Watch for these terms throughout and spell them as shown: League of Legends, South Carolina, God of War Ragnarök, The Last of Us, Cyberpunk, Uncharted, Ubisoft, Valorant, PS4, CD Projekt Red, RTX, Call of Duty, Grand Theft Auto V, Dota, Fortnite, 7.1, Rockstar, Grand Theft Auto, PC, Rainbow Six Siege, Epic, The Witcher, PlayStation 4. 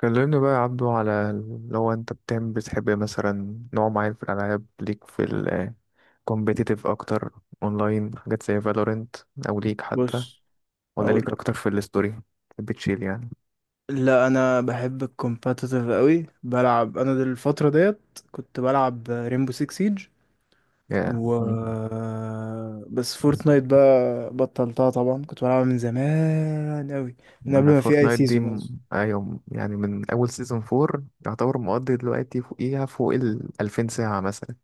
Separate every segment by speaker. Speaker 1: كلمني بقى يا عبدو، على لو انت بتحب مثلا نوع معين في الالعاب، ليك في ال competitive اكتر، اونلاين، حاجات زي فالورنت، او ليك حتى،
Speaker 2: بص،
Speaker 1: ولا
Speaker 2: اقول
Speaker 1: ليك اكتر
Speaker 2: لك.
Speaker 1: في الستوري بتشيل يعني؟
Speaker 2: لا، انا بحب الكومباتيتيف قوي، بلعب انا دي الفتره ديت، كنت بلعب ريمبو 6 سيج.
Speaker 1: يا
Speaker 2: و
Speaker 1: yeah.
Speaker 2: بس فورتنايت بقى بطلتها، طبعا كنت بلعبها من زمان قوي، من قبل ما في اي
Speaker 1: فورتنايت دي
Speaker 2: سيزون اصلا.
Speaker 1: ايوه، يعني من اول سيزون 4 يعتبر مقضي دلوقتي، فوقيها فوق ال 2000 ساعة مثلا.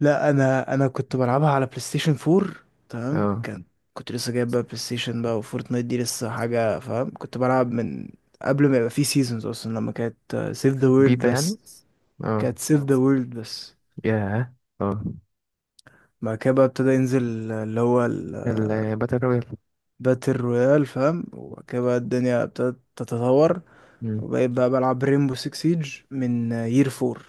Speaker 2: لا، انا كنت بلعبها على بلاي ستيشن 4. تمام.
Speaker 1: اه،
Speaker 2: كنت لسه جايب بقى بلاي ستيشن بقى، وفورتنايت دي لسه حاجه، فاهم. كنت بلعب من قبل ما يبقى في سيزونز اصلا، لما كانت سيف ذا
Speaker 1: بيتا
Speaker 2: وورلد
Speaker 1: يعني.
Speaker 2: بس.
Speaker 1: اه.
Speaker 2: كانت سيف ذا وورلد بس.
Speaker 1: ياه. اه،
Speaker 2: بعد كده بقى ابتدى ينزل اللي هو الباتل
Speaker 1: الباتل رويال.
Speaker 2: رويال، فاهم. وبعد كده بقى الدنيا ابتدت تتطور.
Speaker 1: مم.
Speaker 2: وبقيت بقى بلعب ريمبو 6 سيج من يير 4،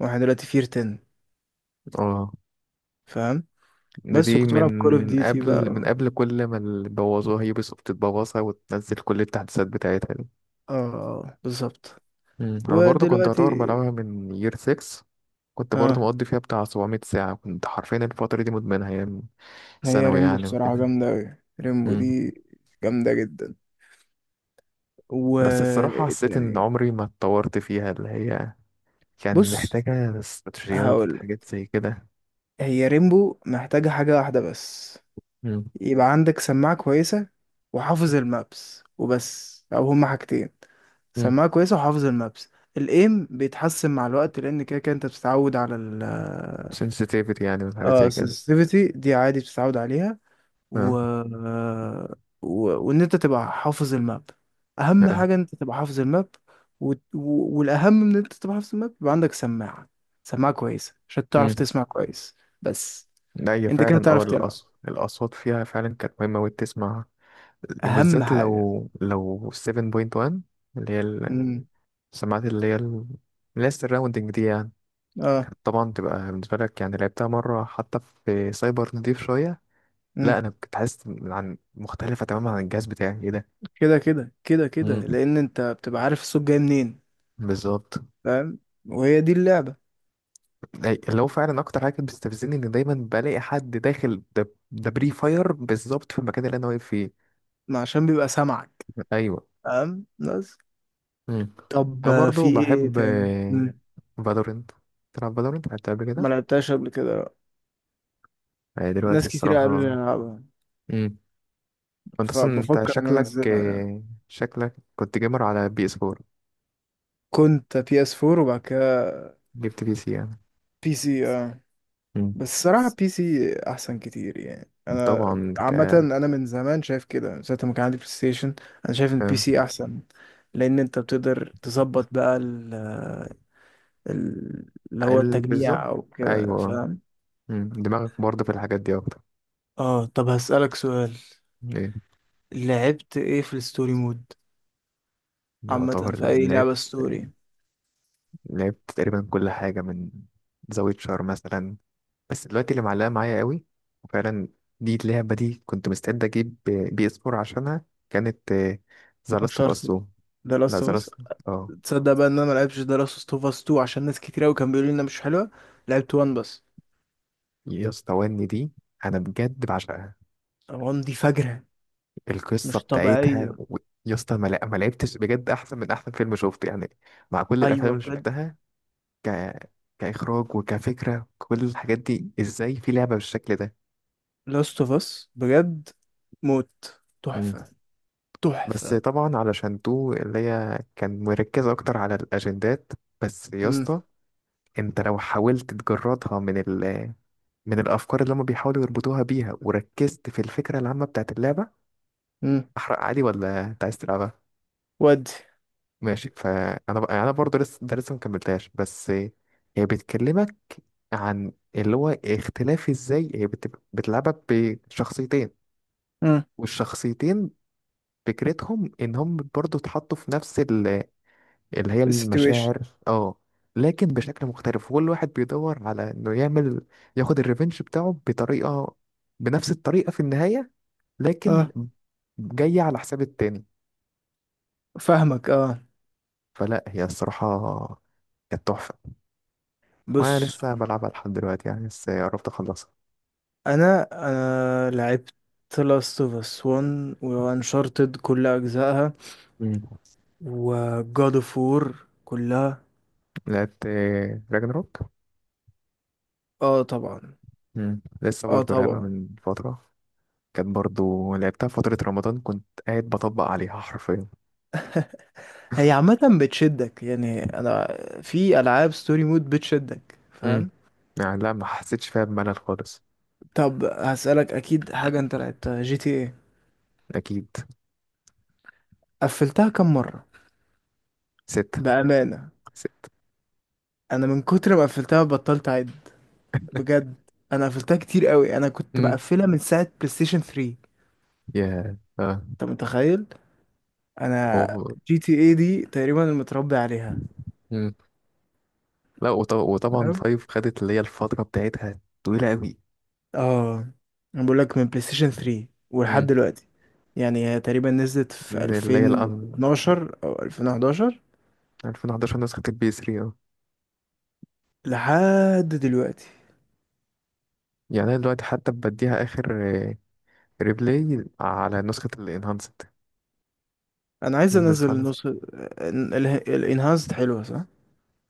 Speaker 2: واحنا دلوقتي في يير 10،
Speaker 1: اه،
Speaker 2: فاهم. بس
Speaker 1: دي
Speaker 2: كنت
Speaker 1: من
Speaker 2: بلعب كول اوف ديوتي من بقى
Speaker 1: قبل من
Speaker 2: اه
Speaker 1: قبل كل ما اللي بوظوها يوبي سوفت تبوظها وتنزل كل التحديثات بتاعتها دي.
Speaker 2: آه، بالظبط.
Speaker 1: مم. انا برضو كنت اعتبر
Speaker 2: ودلوقتي
Speaker 1: بلعبها من يير 6، كنت برضو
Speaker 2: اه
Speaker 1: مقضي فيها بتاع 700 ساعة، كنت حرفيا الفترة دي مدمنها ايام
Speaker 2: هي
Speaker 1: ثانوي
Speaker 2: ريمبو
Speaker 1: يعني
Speaker 2: الصراحة
Speaker 1: وكده.
Speaker 2: جامدة أوي، ريمبو
Speaker 1: مم.
Speaker 2: دي جامدة جدا. و
Speaker 1: بس الصراحة حسيت ان
Speaker 2: يعني
Speaker 1: عمري ما اتطورت فيها، اللي هي كان
Speaker 2: بص،
Speaker 1: محتاجة استراتيجيات،
Speaker 2: هقول،
Speaker 1: حاجات زي كده.
Speaker 2: هي ريمبو محتاجة حاجة واحدة بس.
Speaker 1: مم.
Speaker 2: يبقى عندك سماعة كويسة وحافظ المابس، وبس. أو هما حاجتين:
Speaker 1: مم.
Speaker 2: سماعة كويسة وحافظ المابس. الإيم بيتحسن مع الوقت، لأن كده كده أنت بتتعود على ال
Speaker 1: sensitivity يعني وحاجات
Speaker 2: اه
Speaker 1: زي كده.
Speaker 2: السنسيتيفيتي دي، عادي بتتعود عليها.
Speaker 1: اه.
Speaker 2: و... وإن أنت تبقى حافظ الماب، أهم
Speaker 1: اه.
Speaker 2: حاجة إن أنت تبقى حافظ الماب. والأهم من إن أنت تبقى حافظ الماب، يبقى عندك سماعة، سماعة كويسة عشان تعرف
Speaker 1: مم.
Speaker 2: تسمع كويس، بس.
Speaker 1: لا، هي
Speaker 2: أنت كده
Speaker 1: فعلا اه
Speaker 2: تعرف تلعب،
Speaker 1: الأصوات، فيها فعلا كانت مهمة وتسمع،
Speaker 2: أهم
Speaker 1: وبالذات
Speaker 2: حاجة.
Speaker 1: لو 7.1، اللي هي
Speaker 2: امم.
Speaker 1: السماعات، اللي هي السراوندنج دي يعني،
Speaker 2: اه.
Speaker 1: كانت طبعا تبقى بالنسبة لك. يعني لعبتها مرة حتى في سايبر، نضيف شوية.
Speaker 2: مم.
Speaker 1: لا أنا كنت حاسس إن مختلفة تماما عن الجهاز بتاعي، إيه ده.
Speaker 2: كده كده كده كده
Speaker 1: مم.
Speaker 2: لان انت بتبقى عارف الصوت جاي منين،
Speaker 1: بالظبط.
Speaker 2: فاهم. وهي دي اللعبة.
Speaker 1: اللي هو فعلا أكتر حاجة كانت بتستفزني، إن دايما بلاقي حد داخل ده بري فاير بالظبط في المكان اللي أنا واقف فيه.
Speaker 2: ما عشان بيبقى سامعك،
Speaker 1: أيوه.
Speaker 2: فاهم، بس.
Speaker 1: مم.
Speaker 2: طب
Speaker 1: أنا
Speaker 2: آه، في
Speaker 1: برضه
Speaker 2: ايه
Speaker 1: بحب
Speaker 2: تاني؟ مم.
Speaker 1: فالورنت. تلعب فالورنت؟ لعبتها قبل كده؟
Speaker 2: ما لعبتهاش قبل كده، لأ.
Speaker 1: هي دلوقتي
Speaker 2: ناس كتير قالوا لي
Speaker 1: الصراحة،
Speaker 2: العبها،
Speaker 1: امم، انت اصلا انت
Speaker 2: فبفكر ان انا
Speaker 1: شكلك،
Speaker 2: انزلها يعني.
Speaker 1: شكلك كنت جيمر على بي اس 4.
Speaker 2: كنت بي اس 4 وبعد كده
Speaker 1: جبت بي سي يعني؟
Speaker 2: بي سي اه.
Speaker 1: امم.
Speaker 2: بس الصراحة بي سي احسن كتير، يعني انا
Speaker 1: طبعا
Speaker 2: عامة انا من زمان شايف كده، من ساعة ما كان عندي بلاي ستيشن انا شايف ان بي
Speaker 1: آه،
Speaker 2: سي احسن. لان انت بتقدر تظبط بقى ال- اللي هو التجميع
Speaker 1: بالظبط.
Speaker 2: او كده،
Speaker 1: ايوه. آه.
Speaker 2: فاهم.
Speaker 1: مم. دماغك برضه في الحاجات دي اكتر.
Speaker 2: اه، طب هسألك سؤال:
Speaker 1: ايه؟
Speaker 2: لعبت ايه في الستوري مود؟ عامة
Speaker 1: يعتبر
Speaker 2: في اي
Speaker 1: لعبت
Speaker 2: لعبة ستوري.
Speaker 1: لعبت تقريبا كل حاجة، من ذا ويتشر مثلا. بس دلوقتي اللي معلقة معايا قوي وفعلا، دي اللعبة دي كنت مستعد أجيب بي اس 4 عشانها، كانت ذا لاست اوف اس.
Speaker 2: انشارتد، ده
Speaker 1: لا،
Speaker 2: لاست اوف
Speaker 1: ذا
Speaker 2: اس.
Speaker 1: لاست. اه.
Speaker 2: تصدق بقى ان انا ما لعبتش ده لاست اوف اس 2 عشان ناس كتير قوي كانوا بيقولوا لي انها مش حلوه. لعبت 1 بس.
Speaker 1: يا اسطى، وني دي أنا بجد بعشقها،
Speaker 2: 1 دي فجرة،
Speaker 1: القصة
Speaker 2: مش
Speaker 1: بتاعتها
Speaker 2: طبيعية.
Speaker 1: يا اسطى، ما لعبتش بجد أحسن من أحسن فيلم شفته يعني، مع كل الأفلام
Speaker 2: ايوه،
Speaker 1: اللي
Speaker 2: بجد.
Speaker 1: شفتها. ك... كإخراج وكفكرة، كل الحاجات دي، إزاي في لعبة بالشكل ده.
Speaker 2: لاست اوف اس، بجد، موت.
Speaker 1: مم.
Speaker 2: تحفة.
Speaker 1: بس
Speaker 2: تحفة.
Speaker 1: طبعا علشان تو اللي هي كان مركزة أكتر على الأجندات، بس يا
Speaker 2: امم.
Speaker 1: اسطى، انت لو حاولت تجردها من ال، من الافكار اللي هم بيحاولوا يربطوها بيها، وركزت في الفكره العامه بتاعت اللعبه،
Speaker 2: امم.
Speaker 1: احرق عادي ولا انت عايز تلعبها؟
Speaker 2: ودي.
Speaker 1: ماشي. فانا بقى، انا برضه لسه، ده لسه مكملتهاش. بس هي بتكلمك عن اللي هو اختلاف، ازاي هي بتلعبها بشخصيتين.
Speaker 2: امم.
Speaker 1: والشخصيتين فكرتهم ان هم برضه اتحطوا في نفس اللي هي
Speaker 2: السيتويشن
Speaker 1: المشاعر. اه. لكن بشكل مختلف، كل واحد بيدور على انه يعمل، ياخد الريفنج بتاعه بطريقة، بنفس الطريقة في النهاية، لكن
Speaker 2: اه
Speaker 1: جاية على حساب التاني.
Speaker 2: فاهمك، اه.
Speaker 1: فلا، هي الصراحة كانت تحفة. وانا
Speaker 2: بص،
Speaker 1: لسه بلعبها لحد دلوقتي يعني، بس قربت اخلصها.
Speaker 2: انا لعبت لاست اوف اس 1 وانشارتد كل اجزائها،
Speaker 1: مم.
Speaker 2: وجاد اوف وور كلها.
Speaker 1: لعبت راجناروك،
Speaker 2: اه، طبعا.
Speaker 1: لسه
Speaker 2: اه،
Speaker 1: برضه لعبها
Speaker 2: طبعا.
Speaker 1: من فترة، كانت برضه لعبتها فترة رمضان، كنت قاعد بطبق عليها حرفيا.
Speaker 2: هي عامه بتشدك، يعني انا في العاب ستوري مود بتشدك،
Speaker 1: امم.
Speaker 2: فاهم.
Speaker 1: يعني لا، ما حسيتش فيها بملل خالص.
Speaker 2: طب هسألك، اكيد حاجه انت لعبتها جي تي ايه.
Speaker 1: أكيد.
Speaker 2: قفلتها كم مره؟
Speaker 1: ستة.
Speaker 2: بامانه.
Speaker 1: ستة.
Speaker 2: انا من كتر ما قفلتها بطلت اعد، بجد. انا قفلتها كتير قوي، انا كنت
Speaker 1: مم.
Speaker 2: بقفلها من ساعه بلاي ستيشن 3.
Speaker 1: يا اه
Speaker 2: انت متخيل؟ انا
Speaker 1: هو.
Speaker 2: جي تي اي دي تقريبا متربي عليها.
Speaker 1: مم. لا وطبعا
Speaker 2: تمام،
Speaker 1: فايف خدت اللي هي الفترة بتاعتها طويلة أوي.
Speaker 2: اه. انا بقول لك من بلاي ستيشن 3 ولحد
Speaker 1: مم.
Speaker 2: دلوقتي، يعني هي تقريبا نزلت في
Speaker 1: من اللي هي الأن
Speaker 2: 2012 او 2011
Speaker 1: 2011، نسخة البي 3. اه.
Speaker 2: لحد دلوقتي.
Speaker 1: يعني أنا دلوقتي حتى بديها آخر آه، ريبلاي على نسخة الانهانسد.
Speaker 2: انا عايز انزل
Speaker 1: النسخة
Speaker 2: النص الانهانسد، حلوه صح؟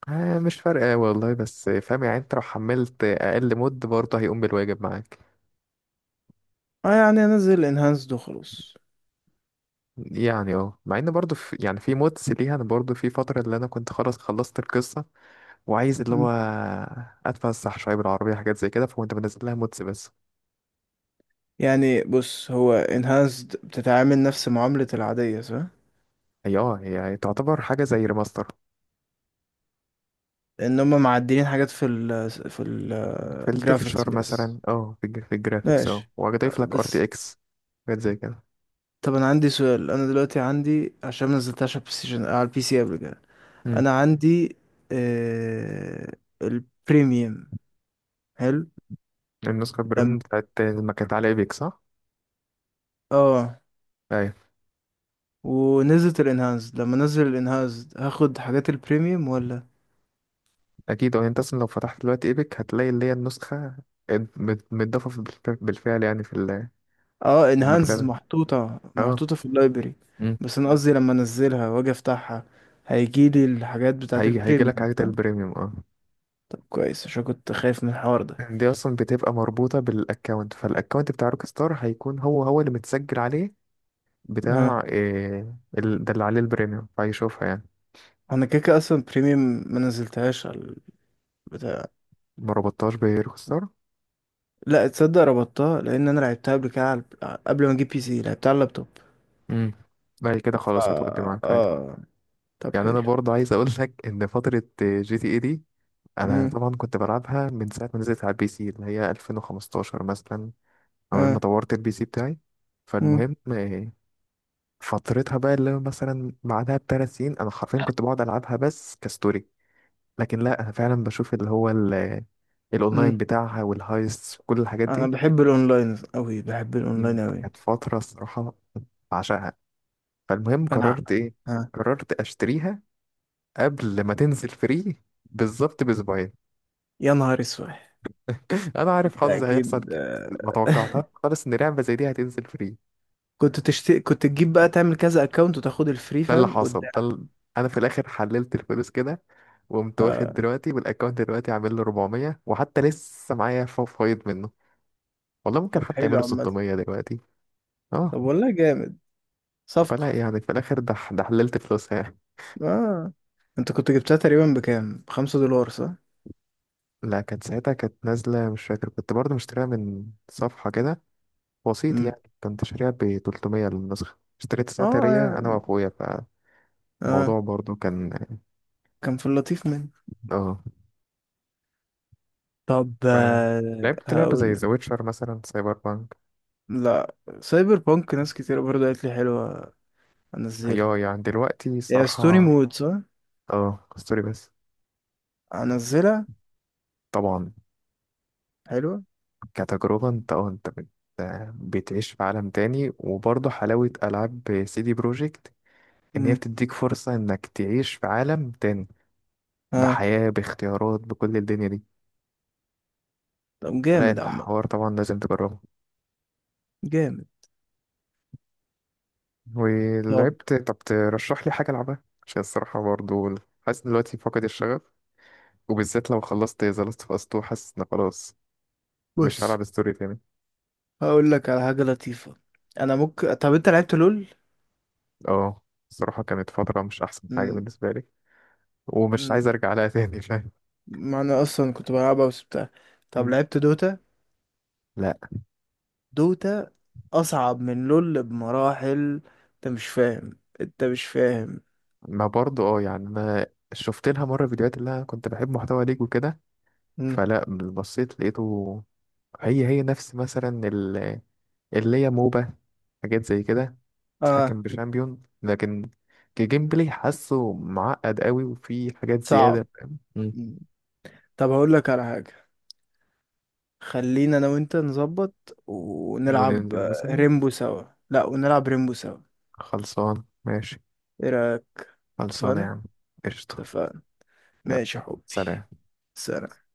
Speaker 1: آه، مش فارقة والله، بس فاهم يعني، انت لو حملت أقل مود برضه هيقوم بالواجب معاك.
Speaker 2: اه، يعني انزل الانهانسد وخلاص.
Speaker 1: يعني اه، مع ان برضه في، يعني في مودز ليها، انا برضه في فترة اللي انا كنت خلاص خلصت القصة وعايز اللي
Speaker 2: مم.
Speaker 1: هو اتفسح شويه بالعربيه، حاجات زي كده، فكنت بنزل لها مودز بس.
Speaker 2: يعني بص، هو انهانسد بتتعامل نفس معامله العاديه، صح؟
Speaker 1: هي اه، هي تعتبر حاجه زي ريماستر،
Speaker 2: ان هم معدلين حاجات في
Speaker 1: في
Speaker 2: الجرافيكس
Speaker 1: التكتشر
Speaker 2: بس.
Speaker 1: مثلا، اه في في الجرافيكس، اه
Speaker 2: ماشي،
Speaker 1: وهضيف لك ار تي
Speaker 2: بس.
Speaker 1: اكس، حاجات زي كده.
Speaker 2: طب انا عندي سؤال: انا دلوقتي عندي، عشان ما نزلتهاش على البلاي ستيشن، على البي سي قبل كده،
Speaker 1: امم.
Speaker 2: انا عندي آه... البريميوم. حلو.
Speaker 1: النسخه
Speaker 2: لما
Speaker 1: البريم بتاعت ما كانت على ايبك، صح؟
Speaker 2: اه
Speaker 1: ايوه.
Speaker 2: ونزلت الانهانس، لما نزل الانهانس هاخد حاجات البريميوم ولا؟
Speaker 1: اكيد اه، انت اصلا لو فتحت دلوقتي ايبك هتلاقي اللي هي النسخه متضافه بالفعل، يعني في
Speaker 2: اه،
Speaker 1: في
Speaker 2: انهانس
Speaker 1: المكتبه.
Speaker 2: محطوطة
Speaker 1: اه.
Speaker 2: محطوطة في اللايبرري.
Speaker 1: امم.
Speaker 2: بس انا قصدي لما انزلها واجي افتحها هيجيلي الحاجات بتاعت
Speaker 1: هيجي لك
Speaker 2: البريميوم،
Speaker 1: حاجه
Speaker 2: فاهم؟
Speaker 1: البريميوم، اه.
Speaker 2: طب كويس، عشان كنت خايف من الحوار ده.
Speaker 1: دي اصلا بتبقى مربوطه بالاكونت، فالاكونت بتاع روك ستار هيكون هو هو اللي متسجل عليه،
Speaker 2: ها،
Speaker 1: بتاع إيه ده اللي عليه البريميوم، فهيشوفها يعني.
Speaker 2: انا كده كده اصلا بريميوم، ما نزلتهاش بتاع
Speaker 1: ما ربطتهاش بروك ستار.
Speaker 2: لا، تصدق ربطتها، لان انا لعبتها قبل كده، قبل ما اجيب بي سي لعبتها على اللابتوب.
Speaker 1: امم. بعد كده
Speaker 2: فا
Speaker 1: خلاص هتودي معاك عادي.
Speaker 2: اه طب
Speaker 1: يعني انا
Speaker 2: حلو.
Speaker 1: برضه عايز اقول لك ان فتره جي تي اي دي، انا
Speaker 2: امم.
Speaker 1: طبعا كنت بلعبها من ساعه ما نزلت على البي سي اللي هي 2015 مثلا، اول ما
Speaker 2: اه.
Speaker 1: طورت البي سي بتاعي.
Speaker 2: امم.
Speaker 1: فالمهم إيه، فترتها بقى اللي هو مثلا بعدها بثلاث سنين، انا حرفيا كنت بقعد العبها بس كستوري. لكن لا، انا فعلا بشوف اللي هو الاونلاين
Speaker 2: امم.
Speaker 1: بتاعها والهايست وكل الحاجات
Speaker 2: انا
Speaker 1: دي.
Speaker 2: بحب الاونلاين قوي، بحب
Speaker 1: مم،
Speaker 2: الاونلاين قوي.
Speaker 1: كانت فتره الصراحه بعشقها. فالمهم،
Speaker 2: انا.
Speaker 1: قررت ايه؟
Speaker 2: ها.
Speaker 1: قررت اشتريها قبل ما تنزل فري بالظبط باسبوعين.
Speaker 2: يا نهار اسود!
Speaker 1: انا عارف
Speaker 2: انت
Speaker 1: حظي هيحصل
Speaker 2: اكيد،
Speaker 1: كده.
Speaker 2: آه.
Speaker 1: ما توقعتها خالص ان لعبه زي دي هتنزل فري.
Speaker 2: كنت تجيب بقى تعمل كذا اكونت وتاخد الفري،
Speaker 1: ده اللي
Speaker 2: فاهم،
Speaker 1: حصل،
Speaker 2: قدام.
Speaker 1: انا في الاخر حللت الفلوس كده، وقمت واخد
Speaker 2: اه،
Speaker 1: دلوقتي، والاكونت دلوقتي عامل له 400، وحتى لسه معايا فايض منه، والله ممكن
Speaker 2: طب
Speaker 1: حتى
Speaker 2: حلو،
Speaker 1: يعمله
Speaker 2: عامة.
Speaker 1: 600 دلوقتي.
Speaker 2: طب
Speaker 1: اه.
Speaker 2: والله جامد، صفقة.
Speaker 1: فلا يعني، في الاخر ده حللت فلوسها يعني.
Speaker 2: اه، انت كنت جبتها تقريبا بكام؟ بخمسة دولار صح؟
Speaker 1: لا، كانت ساعتها كانت نازله، مش فاكر، كنت برضه مشتريها من صفحه كده، وسيط
Speaker 2: امم.
Speaker 1: يعني، كنت شاريها ب 300 للنسخه، اشتريت ساعتها
Speaker 2: اه
Speaker 1: هي انا
Speaker 2: يعني
Speaker 1: واخويا.
Speaker 2: اه
Speaker 1: فالموضوع برضه كان،
Speaker 2: كان في اللطيف منه.
Speaker 1: اه،
Speaker 2: طب
Speaker 1: ف-
Speaker 2: آه،
Speaker 1: لعبت لعبه زي
Speaker 2: هقول.
Speaker 1: ذا ويتشر مثلا، سايبر بانك.
Speaker 2: لا، سايبر بانك ناس كتير برضه قالت لي حلوة، انزلها.
Speaker 1: ايوه، يعني دلوقتي
Speaker 2: يا ستوني
Speaker 1: الصراحه
Speaker 2: مود صح؟
Speaker 1: اه، ستوري بس،
Speaker 2: انزلها،
Speaker 1: طبعا
Speaker 2: حلوة.
Speaker 1: كتجربه، انت اه، بتعيش في عالم تاني. وبرضه حلاوه العاب سي دي بروجكت، ان هي
Speaker 2: امم.
Speaker 1: بتديك فرصه انك تعيش في عالم تاني،
Speaker 2: ها.
Speaker 1: بحياة، باختيارات، بكل الدنيا دي.
Speaker 2: طب
Speaker 1: فلا،
Speaker 2: جامد، عم،
Speaker 1: الحوار طبعا لازم تجربه.
Speaker 2: جامد. طب
Speaker 1: ولعبت، طب ترشح لي حاجة ألعبها، عشان الصراحة برضه حاسس دلوقتي فقد الشغف. وبالذات لو خلصت ذا لاست اوف اس 2، حاسس إن خلاص مش
Speaker 2: بص،
Speaker 1: هلعب ستوري تاني.
Speaker 2: هقول لك على حاجة لطيفة. انا ممكن طب انت لعبت لول؟
Speaker 1: اه، الصراحة كانت فترة مش أحسن حاجة
Speaker 2: مم.
Speaker 1: بالنسبة لي، ومش عايز
Speaker 2: مم.
Speaker 1: أرجع لها تاني، فاهم.
Speaker 2: ما انا اصلا كنت بلعبها بس طب
Speaker 1: مم.
Speaker 2: لعبت دوتا؟
Speaker 1: لا.
Speaker 2: دوتا اصعب من لول بمراحل، انت مش فاهم، انت مش فاهم.
Speaker 1: ما برضه اه يعني أنا شفت لها مرة فيديوهات، اللي أنا كنت بحب محتوى ليج وكده.
Speaker 2: مم.
Speaker 1: فلا، بصيت لقيته، هي هي نفس مثلا اللي هي موبا، حاجات زي كده،
Speaker 2: اه،
Speaker 1: تتحكم بشامبيون، لكن كجيم بلاي حاسه معقد قوي وفي حاجات
Speaker 2: صعب.
Speaker 1: زيادة، فاهم. مم.
Speaker 2: مم. طب هقول لك على حاجة: خلينا انا وانت نظبط ونلعب
Speaker 1: وننزل
Speaker 2: آه،
Speaker 1: مثلا،
Speaker 2: ريمبو سوا. لا، ونلعب ريمبو سوا،
Speaker 1: خلصان ماشي،
Speaker 2: ايه رأيك؟
Speaker 1: خلصان يا
Speaker 2: اتفقنا.
Speaker 1: عم، قشطة،
Speaker 2: اتفقنا،
Speaker 1: يلا،
Speaker 2: ماشي يا حبي.
Speaker 1: سلام.
Speaker 2: سلام.